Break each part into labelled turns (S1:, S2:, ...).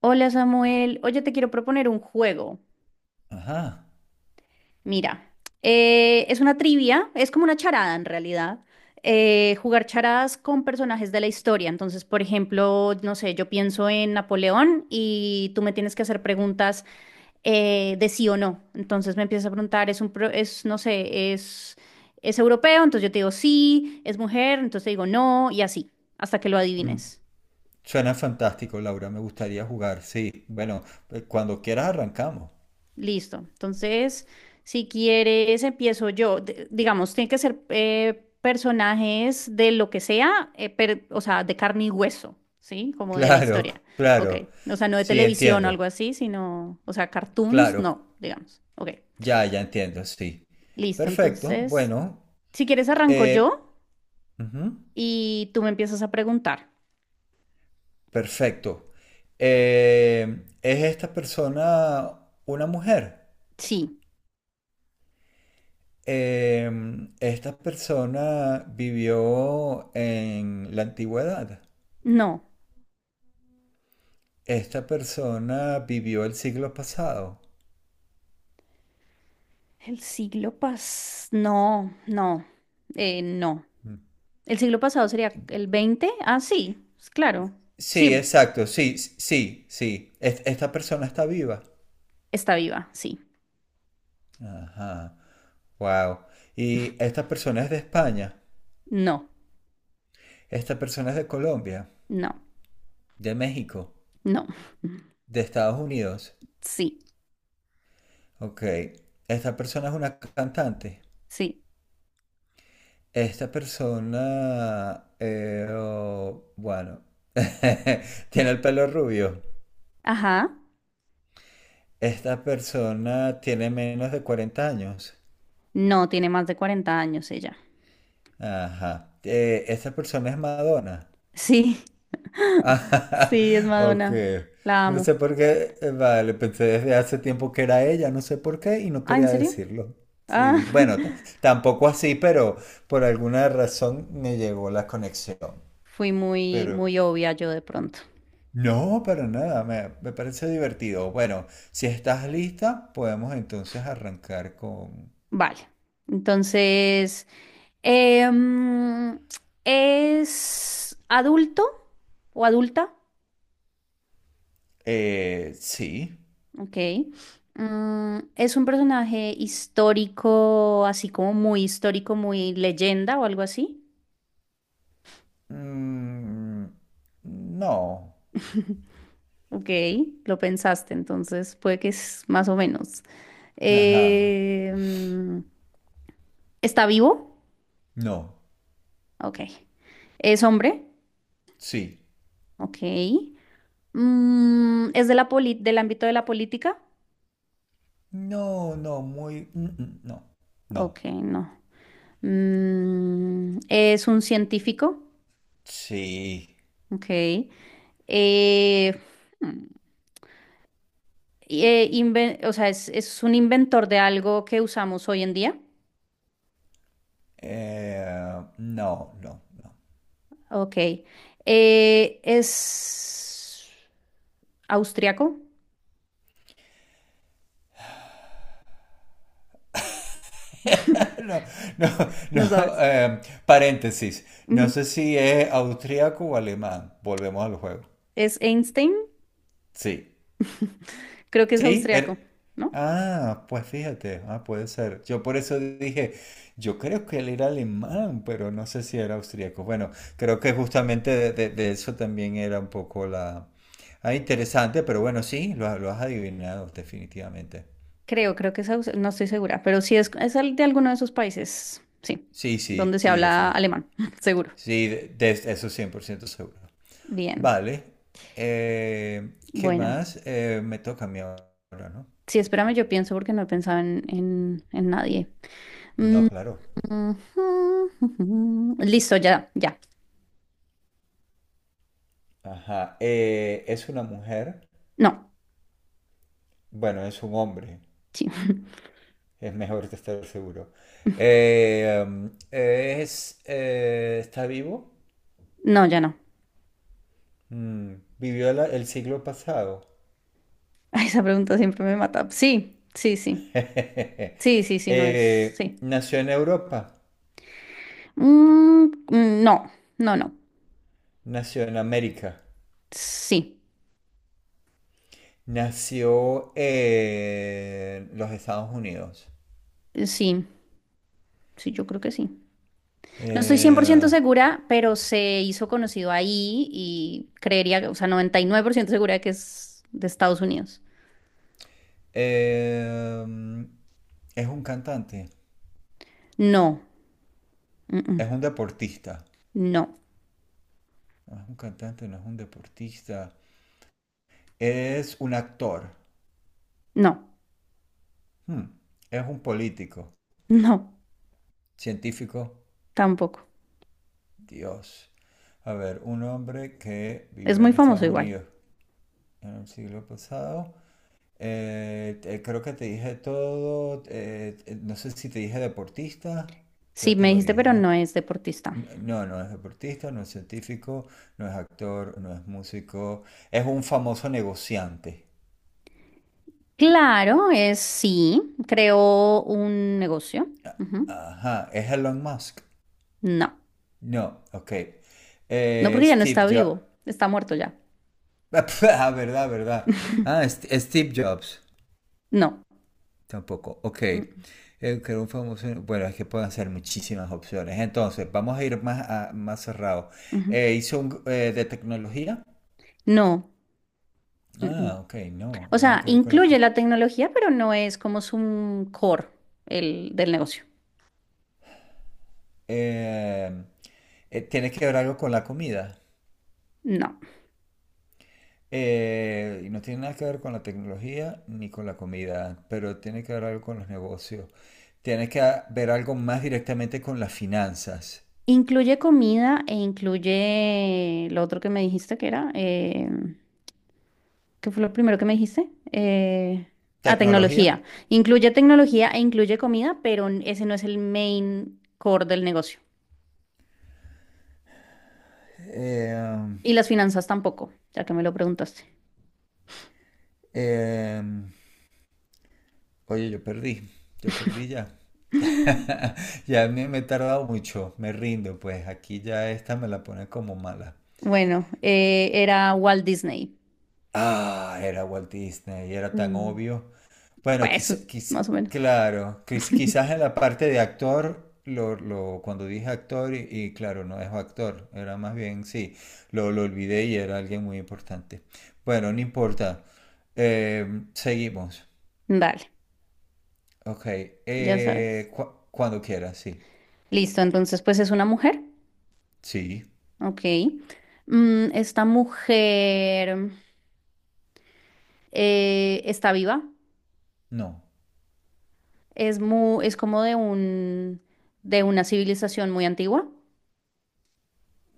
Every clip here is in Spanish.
S1: Hola Samuel, oye, te quiero proponer un juego.
S2: Ajá.
S1: Mira, es una trivia, es como una charada en realidad. Jugar charadas con personajes de la historia. Entonces, por ejemplo, no sé, yo pienso en Napoleón y tú me tienes que hacer preguntas de sí o no. Entonces me empiezas a preguntar, es un, pro- es, no sé, es europeo, entonces yo te digo sí, es mujer, entonces te digo no y así, hasta que lo
S2: Mm.
S1: adivines.
S2: Suena fantástico, Laura. Me gustaría jugar. Sí, bueno, cuando quieras arrancamos.
S1: Listo. Entonces, si quieres, empiezo yo. Digamos, tiene que ser personajes de lo que sea, o sea, de carne y hueso, ¿sí? Como de la
S2: Claro,
S1: historia. Ok.
S2: claro.
S1: O sea, no de
S2: Sí,
S1: televisión o
S2: entiendo.
S1: algo así, sino, o sea, cartoons,
S2: Claro,
S1: no, digamos. Ok.
S2: ya entiendo, sí.
S1: Listo.
S2: Perfecto,
S1: Entonces,
S2: bueno.
S1: si quieres, arranco
S2: eh,
S1: yo
S2: ujú,
S1: y tú me empiezas a preguntar.
S2: Perfecto. ¿Es esta persona una mujer?
S1: Sí,
S2: Esta persona vivió en la antigüedad.
S1: no.
S2: Esta persona vivió el siglo pasado.
S1: No, no. No. El siglo pasado sería el 20. Ah, sí, claro.
S2: Sí,
S1: Sí,
S2: exacto, sí, sí, sí. Esta persona está viva.
S1: está viva, sí.
S2: Ajá, wow. Y esta persona es de España,
S1: No,
S2: esta persona es de Colombia,
S1: no,
S2: de México,
S1: no.
S2: de Estados Unidos.
S1: Sí,
S2: Ok, esta persona es una cantante.
S1: sí.
S2: Esta persona, oh, bueno, tiene el pelo rubio.
S1: Ajá.
S2: Esta persona tiene menos de 40 años.
S1: No, tiene más de 40 años ella.
S2: Ajá. Esta persona es Madonna.
S1: Sí,
S2: Ah,
S1: sí, es
S2: ok.
S1: Madonna. La
S2: No
S1: amo.
S2: sé por qué, vale, pensé desde hace tiempo que era ella, no sé por qué y no
S1: Ah, ¿en
S2: quería
S1: serio?
S2: decirlo.
S1: Ah,
S2: Sí, bueno, tampoco así, pero por alguna razón me llegó la conexión.
S1: fui muy,
S2: Pero
S1: muy obvia yo de pronto.
S2: no, para nada, me parece divertido. Bueno, si estás lista, podemos entonces arrancar con...
S1: Vale. Entonces, em, ¿es adulto o adulta?
S2: Sí.
S1: Ok. ¿Es un personaje histórico, así como muy histórico, muy leyenda o algo así?
S2: Mm, no.
S1: Ok, lo pensaste, entonces puede que es más o menos.
S2: Ajá.
S1: Eh, mm, ¿Está vivo?
S2: No.
S1: Ok. ¿Es hombre?
S2: Sí.
S1: Ok. ¿Es de la del ámbito de la política?
S2: No, no, muy... No, no.
S1: Ok, no. ¿Es un científico?
S2: Sí.
S1: Ok. Eh, mm, o sea, es un inventor de algo que usamos hoy en día.
S2: No, no, no.
S1: Ok. Es austriaco.
S2: No, no,
S1: No
S2: no.
S1: sabes.
S2: eh, paréntesis. No sé
S1: Ujú.
S2: si es austríaco o alemán. Volvemos al juego.
S1: Es Einstein.
S2: Sí.
S1: Creo que es
S2: Sí,
S1: austriaco, ¿no?
S2: Ah, pues fíjate, ah, puede ser. Yo por eso dije, yo creo que él era alemán, pero no sé si era austríaco. Bueno, creo que justamente de eso también era un poco la... Ah, interesante, pero bueno, sí, lo has adivinado definitivamente.
S1: Creo, creo que es aus- No estoy segura, pero sí es de alguno de esos países. Sí.
S2: Sí, sí,
S1: Donde se
S2: sí,
S1: habla
S2: definitivamente.
S1: alemán, seguro.
S2: Sí, de eso 100% seguro.
S1: Bien.
S2: Vale, ¿qué
S1: Bueno.
S2: más? Me toca a mí ahora, ¿no?
S1: Sí, espérame, yo pienso porque no he pensado en nadie. Mm,
S2: No, claro.
S1: ujú, ujú. Listo, ya, ya.
S2: Ajá, es una mujer.
S1: No.
S2: Bueno, es un hombre.
S1: Sí.
S2: Es mejor estar seguro. ¿Está vivo?
S1: No, ya no.
S2: Mm, el siglo pasado.
S1: Ay, esa pregunta siempre me mata. Sí, sí, sí. Sí, sí, sí, no es. Sí.
S2: Nació en Europa.
S1: Mm, mm, no, no, no.
S2: Nació en América.
S1: Sí,
S2: Nació en los Estados Unidos.
S1: sí, sí, yo creo que sí. No estoy 100%
S2: Eh,
S1: segura, pero se hizo conocido ahí y creería, o sea, 99% segura que es de Estados Unidos.
S2: eh, mm, es un cantante.
S1: No, mm, mm,
S2: Es un deportista.
S1: no,
S2: No es un cantante, no es un deportista. Es un actor.
S1: no,
S2: Hmm, Es un político,
S1: no,
S2: científico,
S1: tampoco.
S2: Dios. A ver, un hombre que
S1: Es
S2: vivió
S1: muy
S2: en
S1: famoso
S2: Estados
S1: igual.
S2: Unidos en el siglo pasado. Creo que te dije todo. No sé si te dije deportista. Ya
S1: Sí,
S2: te
S1: me
S2: lo
S1: dijiste,
S2: dije,
S1: pero
S2: ¿no?
S1: no es deportista.
S2: No, no es deportista, no es científico, no es actor, no es músico. Es un famoso negociante.
S1: Claro, es sí, creó un negocio. Ujú.
S2: Ajá, ¿es Elon Musk?
S1: No,
S2: No, ok.
S1: no porque ya no
S2: Steve
S1: está
S2: Jobs.
S1: vivo, está muerto ya.
S2: Ah, verdad, verdad. Ah, Steve Jobs.
S1: No.
S2: Tampoco. Ok.
S1: Mm,
S2: Que era un famoso. Bueno, es que pueden ser muchísimas opciones. Entonces, vamos a ir más, más cerrado.
S1: ujú.
S2: De tecnología.
S1: No. Mm, mm.
S2: Ah, ok, no,
S1: O
S2: nada
S1: sea,
S2: que ver con la
S1: incluye
S2: te.
S1: la tecnología, pero no es como su core del negocio.
S2: Eh, tiene que ver algo con la comida.
S1: No.
S2: Y no tiene nada que ver con la tecnología ni con la comida, pero tiene que ver algo con los negocios. Tiene que ver algo más directamente con las finanzas.
S1: Incluye comida e incluye lo otro que me dijiste que era. ¿Qué fue lo primero que me dijiste?
S2: ¿Tecnología?
S1: Tecnología. Incluye tecnología e incluye comida, pero ese no es el main core del negocio.
S2: Eh,
S1: Y las finanzas tampoco, ya que me lo preguntaste.
S2: eh, oye, yo perdí ya. Ya me he tardado mucho, me rindo, pues aquí ya esta me la pone como mala.
S1: Bueno, era Walt Disney.
S2: Ah, era Walt Disney, era tan
S1: Mm,
S2: obvio. Bueno,
S1: Pues, más o menos.
S2: quizás en la parte de actor, cuando dije actor, y claro, no es actor, era más bien, sí, lo olvidé y era alguien muy importante. Bueno, no importa. Eh, seguimos.
S1: Dale,
S2: Ok,
S1: ya sabes.
S2: cuando quieras, sí.
S1: Listo, entonces, pues es una mujer.
S2: Sí.
S1: Ok. Esta mujer está viva.
S2: No.
S1: Es como de una civilización muy antigua.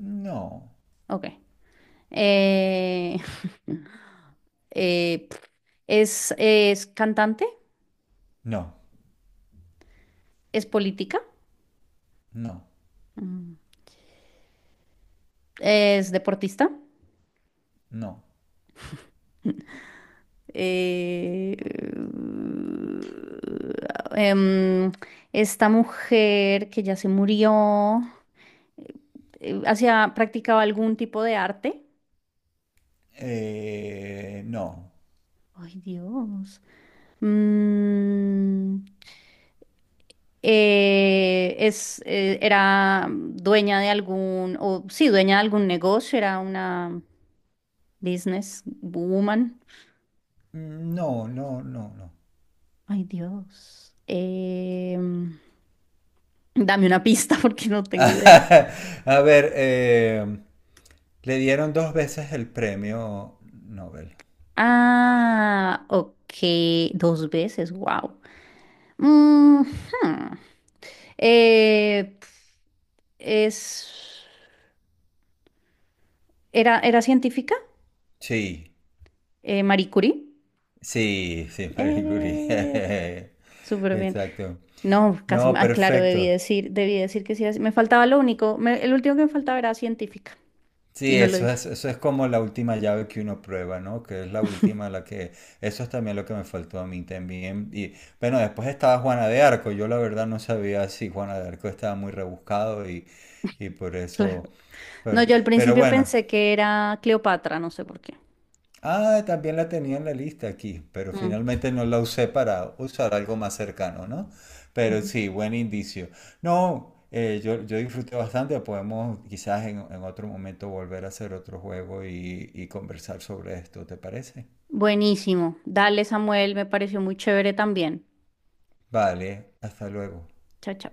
S2: No.
S1: Ok. Eh, eh, pf, es cantante,
S2: No.
S1: es política,
S2: No.
S1: Mm. es deportista.
S2: No.
S1: eh, uh, em, esta mujer que ya se murió, practicaba algún tipo de arte.
S2: No.
S1: Ay, Dios. Mm, era dueña de algún negocio, era una Business Woman.
S2: No, no, no, no.
S1: Ay, Dios. Dame una pista porque no tengo idea.
S2: A ver, le dieron dos veces el premio Nobel.
S1: Ah, ok. Dos veces, wow. es, era científica,
S2: Sí,
S1: Marie Curie.
S2: sí, sí, Marie
S1: Eh,
S2: Curie.
S1: Súper bien.
S2: Exacto.
S1: No, casi,
S2: No,
S1: ah, claro, debí
S2: perfecto.
S1: decir, debí decir que sí. Me faltaba lo único, el último que me faltaba era científica y
S2: Sí,
S1: no lo dije.
S2: eso es como la última llave que uno prueba, ¿no? Que es la última, la que... Eso es también lo que me faltó a mí también. Y bueno, después estaba Juana de Arco. Yo la verdad no sabía si Juana de Arco estaba muy rebuscado y por
S1: Claro.
S2: eso...
S1: No, yo al
S2: Pero
S1: principio
S2: bueno,
S1: pensé que era Cleopatra, no sé por qué.
S2: Ah, también la tenía en la lista aquí, pero
S1: Mm.
S2: finalmente no la usé para usar algo más cercano, ¿no? Pero
S1: Ujú.
S2: sí, buen indicio. No, yo disfruté bastante, podemos quizás en otro momento volver a hacer otro juego y conversar sobre esto, ¿te parece?
S1: Buenísimo. Dale, Samuel, me pareció muy chévere también.
S2: Vale, hasta luego.
S1: Chao, chao.